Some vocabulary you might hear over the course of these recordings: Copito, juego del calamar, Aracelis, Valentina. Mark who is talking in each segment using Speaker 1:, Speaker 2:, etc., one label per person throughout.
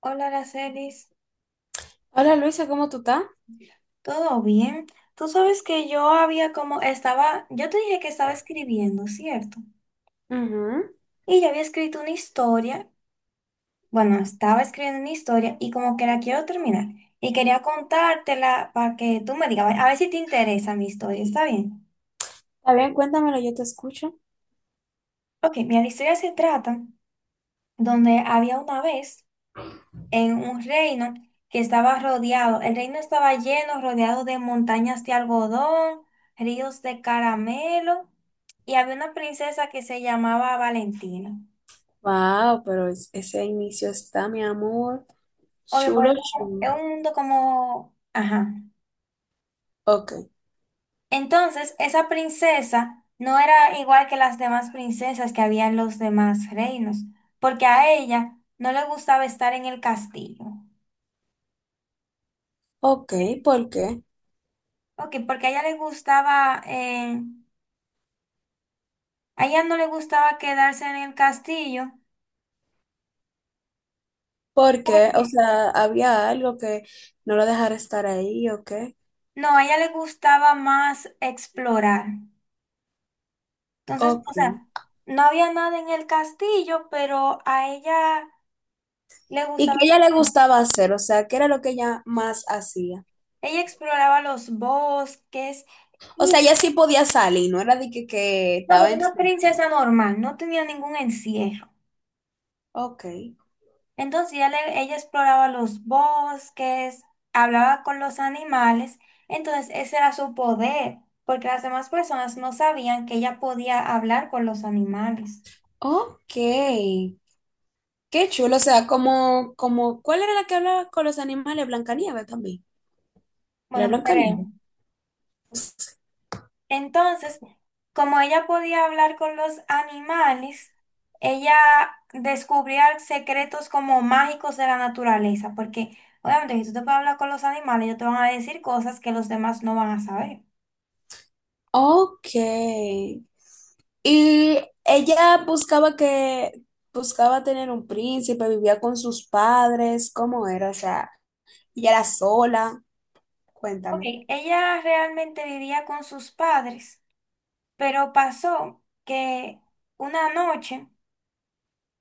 Speaker 1: Hola, Aracelis,
Speaker 2: Hola Luisa, ¿cómo tú estás?
Speaker 1: ¿todo bien? Tú sabes que yo había como estaba, yo te dije que estaba escribiendo, ¿cierto?
Speaker 2: Ujú.
Speaker 1: Y yo había escrito una historia, bueno, estaba escribiendo una historia y como que la quiero terminar. Y quería contártela para que tú me digas, a ver si te interesa mi historia, ¿está bien?
Speaker 2: Está bien, cuéntamelo, yo te escucho.
Speaker 1: Ok, mira, la historia se trata donde había una vez en un reino que estaba rodeado. El reino estaba lleno, rodeado de montañas de algodón, ríos de caramelo, y había una princesa que se llamaba Valentina.
Speaker 2: Wow, pero ese inicio está, mi amor,
Speaker 1: Obvio,
Speaker 2: chulo,
Speaker 1: porque es
Speaker 2: chulo.
Speaker 1: un mundo como... Ajá.
Speaker 2: Ok,
Speaker 1: Entonces, esa princesa no era igual que las demás princesas que había en los demás reinos, porque a ella no le gustaba estar en el castillo.
Speaker 2: ok, ¿por qué?
Speaker 1: Ok, porque a ella le gustaba, a ella no le gustaba quedarse en el castillo.
Speaker 2: ¿Por qué? O
Speaker 1: Oye,
Speaker 2: sea, había algo que no lo dejara estar ahí, ok,
Speaker 1: no, a ella le gustaba más explorar. Entonces,
Speaker 2: ok.
Speaker 1: o sea, no había nada en el castillo, pero a ella le
Speaker 2: Y
Speaker 1: gustaba
Speaker 2: qué a ella le
Speaker 1: explorar.
Speaker 2: gustaba hacer, o sea, ¿qué era lo que ella más hacía?
Speaker 1: Ella exploraba los bosques
Speaker 2: O
Speaker 1: y
Speaker 2: sea, ella sí podía salir, no era de que
Speaker 1: no, era
Speaker 2: estaba en...
Speaker 1: una princesa normal, no tenía ningún encierro.
Speaker 2: Ok,
Speaker 1: Entonces ella exploraba los bosques, hablaba con los animales. Entonces ese era su poder, porque las demás personas no sabían que ella podía hablar con los animales.
Speaker 2: ok. Qué chulo, o sea, como, ¿cuál era la que hablaba con los animales? Blancanieves también. Era
Speaker 1: Bueno,
Speaker 2: Blancanieves.
Speaker 1: creo. Entonces, como ella podía hablar con los animales, ella descubría secretos como mágicos de la naturaleza, porque obviamente si tú te puedes hablar con los animales, ellos te van a decir cosas que los demás no van a saber.
Speaker 2: Ok. Y ella buscaba tener un príncipe, vivía con sus padres, ¿cómo era? O sea, ella era sola.
Speaker 1: Ok,
Speaker 2: Cuéntame.
Speaker 1: ella realmente vivía con sus padres, pero pasó que una noche,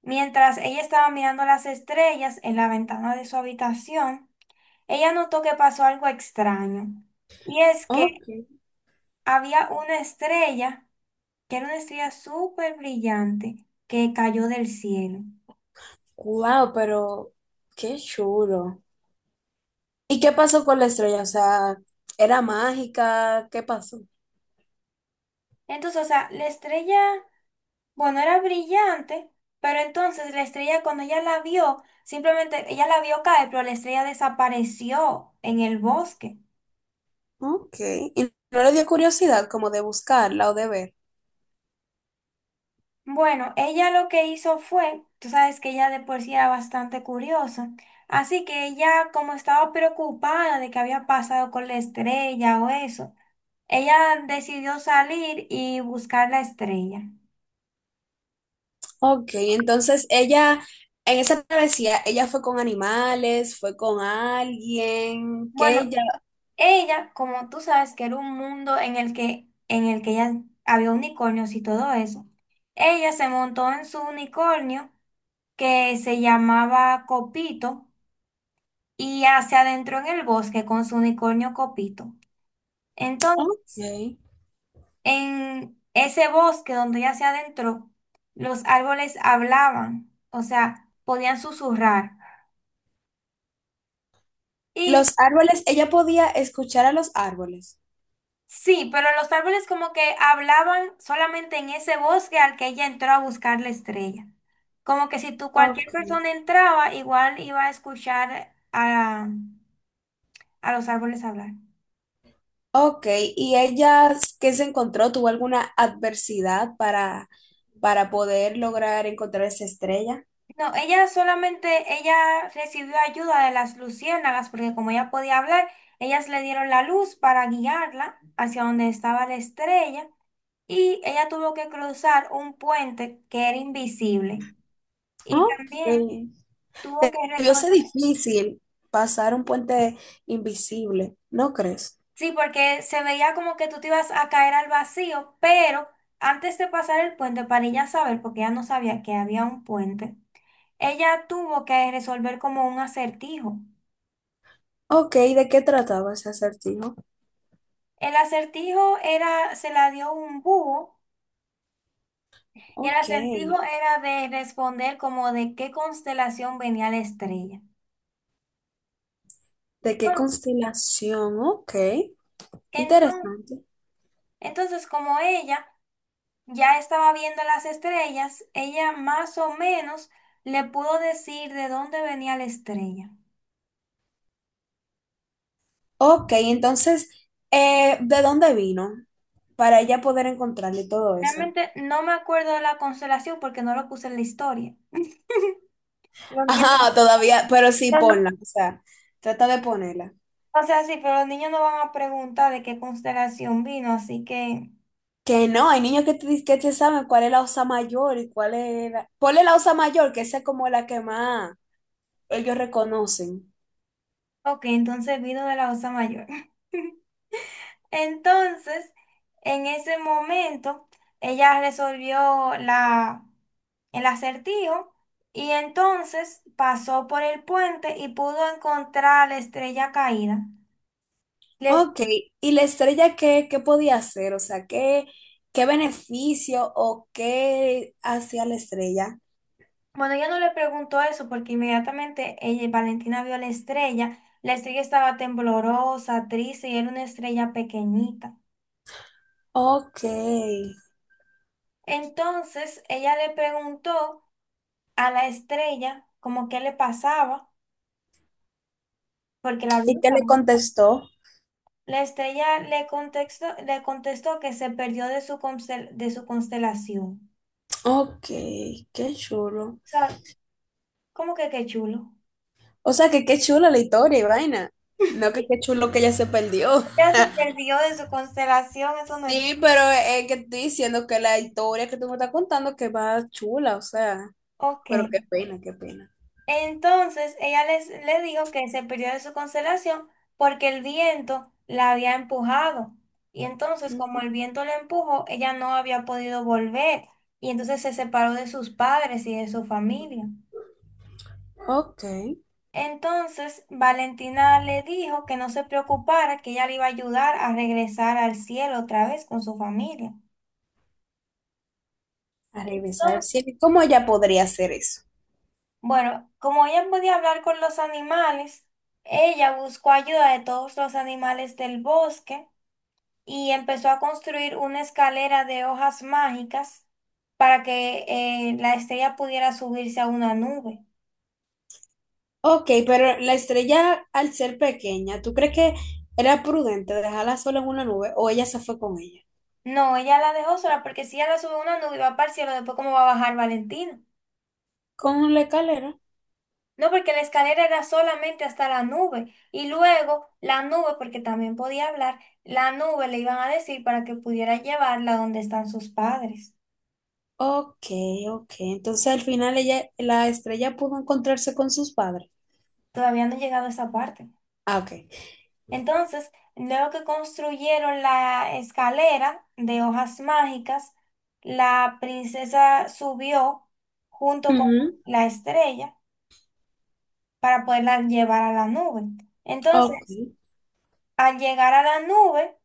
Speaker 1: mientras ella estaba mirando las estrellas en la ventana de su habitación, ella notó que pasó algo extraño. Y es que
Speaker 2: Ok.
Speaker 1: había una estrella, que era una estrella súper brillante, que cayó del cielo.
Speaker 2: Wow, pero qué chulo. ¿Y qué pasó con la estrella? O sea, ¿era mágica? ¿Qué pasó?
Speaker 1: Entonces, o sea, la estrella, bueno, era brillante, pero entonces la estrella cuando ella la vio, simplemente ella la vio caer, pero la estrella desapareció en el bosque.
Speaker 2: Ok. ¿Y no le dio curiosidad como de buscarla o de ver?
Speaker 1: Bueno, ella lo que hizo fue, tú sabes que ella de por sí era bastante curiosa, así que ella como estaba preocupada de qué había pasado con la estrella o eso, ella decidió salir y buscar la estrella.
Speaker 2: Ok, entonces ella, en esa travesía, ella fue con animales, fue con alguien, que
Speaker 1: Bueno,
Speaker 2: ella,
Speaker 1: ella, como tú sabes, que era un mundo en el que, ya había unicornios y todo eso. Ella se montó en su unicornio que se llamaba Copito y se adentró en el bosque con su unicornio Copito.
Speaker 2: ok.
Speaker 1: Entonces, en ese bosque donde ella se adentró, los árboles hablaban, o sea, podían susurrar. Y
Speaker 2: Los árboles, ella podía escuchar a los árboles.
Speaker 1: sí, pero los árboles como que hablaban solamente en ese bosque al que ella entró a buscar la estrella. Como que si tú
Speaker 2: Ok.
Speaker 1: cualquier persona entraba, igual iba a escuchar a los árboles hablar.
Speaker 2: Ok, ¿y ella qué se encontró? ¿Tuvo alguna adversidad para poder lograr encontrar esa estrella?
Speaker 1: No, ella solamente, ella recibió ayuda de las luciérnagas porque como ella podía hablar, ellas le dieron la luz para guiarla hacia donde estaba la estrella y ella tuvo que cruzar un puente que era invisible y
Speaker 2: Ok.
Speaker 1: también tuvo que
Speaker 2: Debió
Speaker 1: resolver.
Speaker 2: ser difícil pasar un puente invisible, ¿no crees?
Speaker 1: Sí, porque se veía como que tú te ibas a caer al vacío, pero antes de pasar el puente, para ella saber, porque ella no sabía que había un puente, ella tuvo que resolver como un acertijo.
Speaker 2: Ok, ¿de qué trataba ese acertijo?
Speaker 1: El acertijo era, se la dio un búho, y el
Speaker 2: Ok.
Speaker 1: acertijo era de responder como de qué constelación venía la estrella.
Speaker 2: ¿De qué
Speaker 1: Entonces,
Speaker 2: constelación? Ok,
Speaker 1: enton-
Speaker 2: interesante.
Speaker 1: entonces, como ella ya estaba viendo las estrellas, ella más o menos le pudo decir de dónde venía la estrella.
Speaker 2: Ok, entonces, ¿de dónde vino? Para ella poder encontrarle todo eso.
Speaker 1: Realmente no me acuerdo de la constelación porque no lo puse en la historia. Los niños,
Speaker 2: Ajá, todavía, pero sí
Speaker 1: no-
Speaker 2: ponla, o sea, trata de ponerla.
Speaker 1: o sea, sí, pero los niños no van a preguntar de qué constelación vino, así que,
Speaker 2: Que no, hay niños que te, que te saben cuál es la Osa Mayor y cuál es la... Ponle la Osa Mayor, que esa es como la que más ellos reconocen.
Speaker 1: ok, entonces vino de la Osa Mayor. Entonces, en ese momento, ella resolvió el acertijo y entonces pasó por el puente y pudo encontrar la estrella caída. La...
Speaker 2: Ok, ¿y la estrella qué, qué podía hacer? O sea, ¿qué, qué beneficio o qué hacía la estrella?
Speaker 1: Bueno, ella no le preguntó eso porque inmediatamente ella, Valentina vio a la estrella. La estrella estaba temblorosa, triste y era una estrella pequeñita.
Speaker 2: Ok. ¿Y
Speaker 1: Entonces ella le preguntó a la estrella como qué le pasaba porque la vio,
Speaker 2: qué le
Speaker 1: ¿no?
Speaker 2: contestó?
Speaker 1: La estrella le contestó que se perdió de su, de su constelación.
Speaker 2: Ok, qué chulo.
Speaker 1: O sea, ¿cómo que qué chulo?
Speaker 2: O sea, que qué chula la historia y vaina. No, que qué chulo que ella se perdió.
Speaker 1: Ella se perdió de su constelación, eso no es...
Speaker 2: Sí, pero es que estoy diciendo que la historia que tú me estás contando que va chula, o sea,
Speaker 1: Ok.
Speaker 2: pero qué pena, qué pena.
Speaker 1: Entonces le dijo que se perdió de su constelación porque el viento la había empujado. Y entonces, como el viento la empujó, ella no había podido volver. Y entonces se separó de sus padres y de su familia.
Speaker 2: Ok,
Speaker 1: Entonces, Valentina le dijo que no se preocupara, que ella le iba a ayudar a regresar al cielo otra vez con su familia.
Speaker 2: a revisar el
Speaker 1: Entonces,
Speaker 2: cielo. ¿Cómo ella podría hacer eso?
Speaker 1: bueno, como ella podía hablar con los animales, ella buscó ayuda de todos los animales del bosque y empezó a construir una escalera de hojas mágicas para que la estrella pudiera subirse a una nube.
Speaker 2: Ok, pero la estrella al ser pequeña, ¿tú crees que era prudente dejarla sola en una nube o ella se fue con ella?
Speaker 1: No, ella la dejó sola porque si ella la sube a una nube y va para el cielo, después cómo va a bajar Valentina.
Speaker 2: Con la escalera.
Speaker 1: No, porque la escalera era solamente hasta la nube y luego la nube, porque también podía hablar, la nube le iban a decir para que pudiera llevarla donde están sus padres.
Speaker 2: Ok, ok. Entonces al final ella, la estrella pudo encontrarse con sus padres.
Speaker 1: Todavía no he llegado a esa parte.
Speaker 2: Ah, ok.
Speaker 1: Entonces, luego que construyeron la escalera de hojas mágicas, la princesa subió junto
Speaker 2: Ujú,
Speaker 1: con la estrella para poderla llevar a la nube.
Speaker 2: ok.
Speaker 1: Entonces, al llegar a la nube,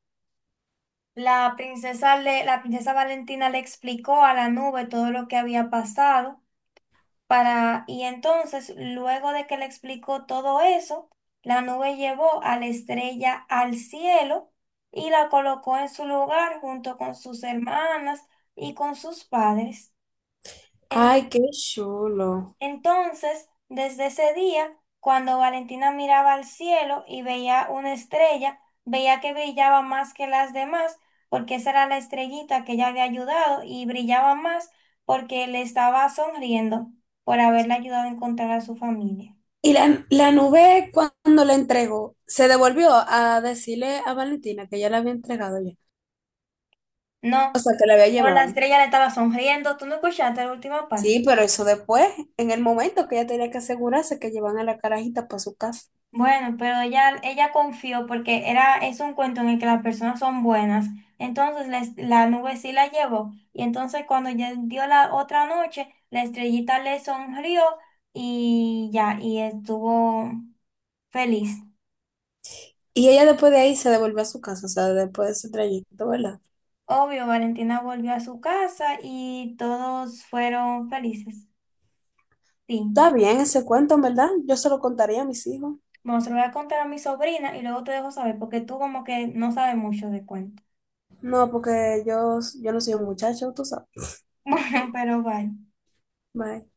Speaker 1: la princesa Valentina le explicó a la nube todo lo que había pasado. Para, y entonces, luego de que le explicó todo eso, la nube llevó a la estrella al cielo y la colocó en su lugar junto con sus hermanas y con sus padres.
Speaker 2: Ay, qué chulo.
Speaker 1: Entonces, desde ese día, cuando Valentina miraba al cielo y veía una estrella, veía que brillaba más que las demás, porque esa era la estrellita que ella había ayudado y brillaba más porque le estaba sonriendo por haberle ayudado a encontrar a su familia.
Speaker 2: Y la nube cuando la entregó, se devolvió a decirle a Valentina que ya la había entregado ya. O
Speaker 1: No,
Speaker 2: sea, que la había
Speaker 1: pero la
Speaker 2: llevado.
Speaker 1: estrella le estaba sonriendo. ¿Tú no escuchaste la última parte?
Speaker 2: Sí, pero eso después, en el momento que ella tenía que asegurarse que llevan a la carajita para su casa.
Speaker 1: Bueno, pero ella confió porque era, es un cuento en el que las personas son buenas. Entonces la nube sí la llevó. Y entonces cuando ya dio la otra noche, la estrellita le sonrió y ya, y estuvo feliz.
Speaker 2: Y ella después de ahí se devolvió a su casa, o sea, después de ese trayecto, ¿verdad?
Speaker 1: Obvio, Valentina volvió a su casa y todos fueron felices.
Speaker 2: Está
Speaker 1: Fin.
Speaker 2: bien ese cuento, ¿en verdad? Yo se lo contaría a mis hijos.
Speaker 1: Bueno, se lo voy a contar a mi sobrina y luego te dejo saber porque tú como que no sabes mucho de cuento.
Speaker 2: No, porque yo no soy un muchacho, tú sabes.
Speaker 1: Bueno, pero vaya.
Speaker 2: Bye.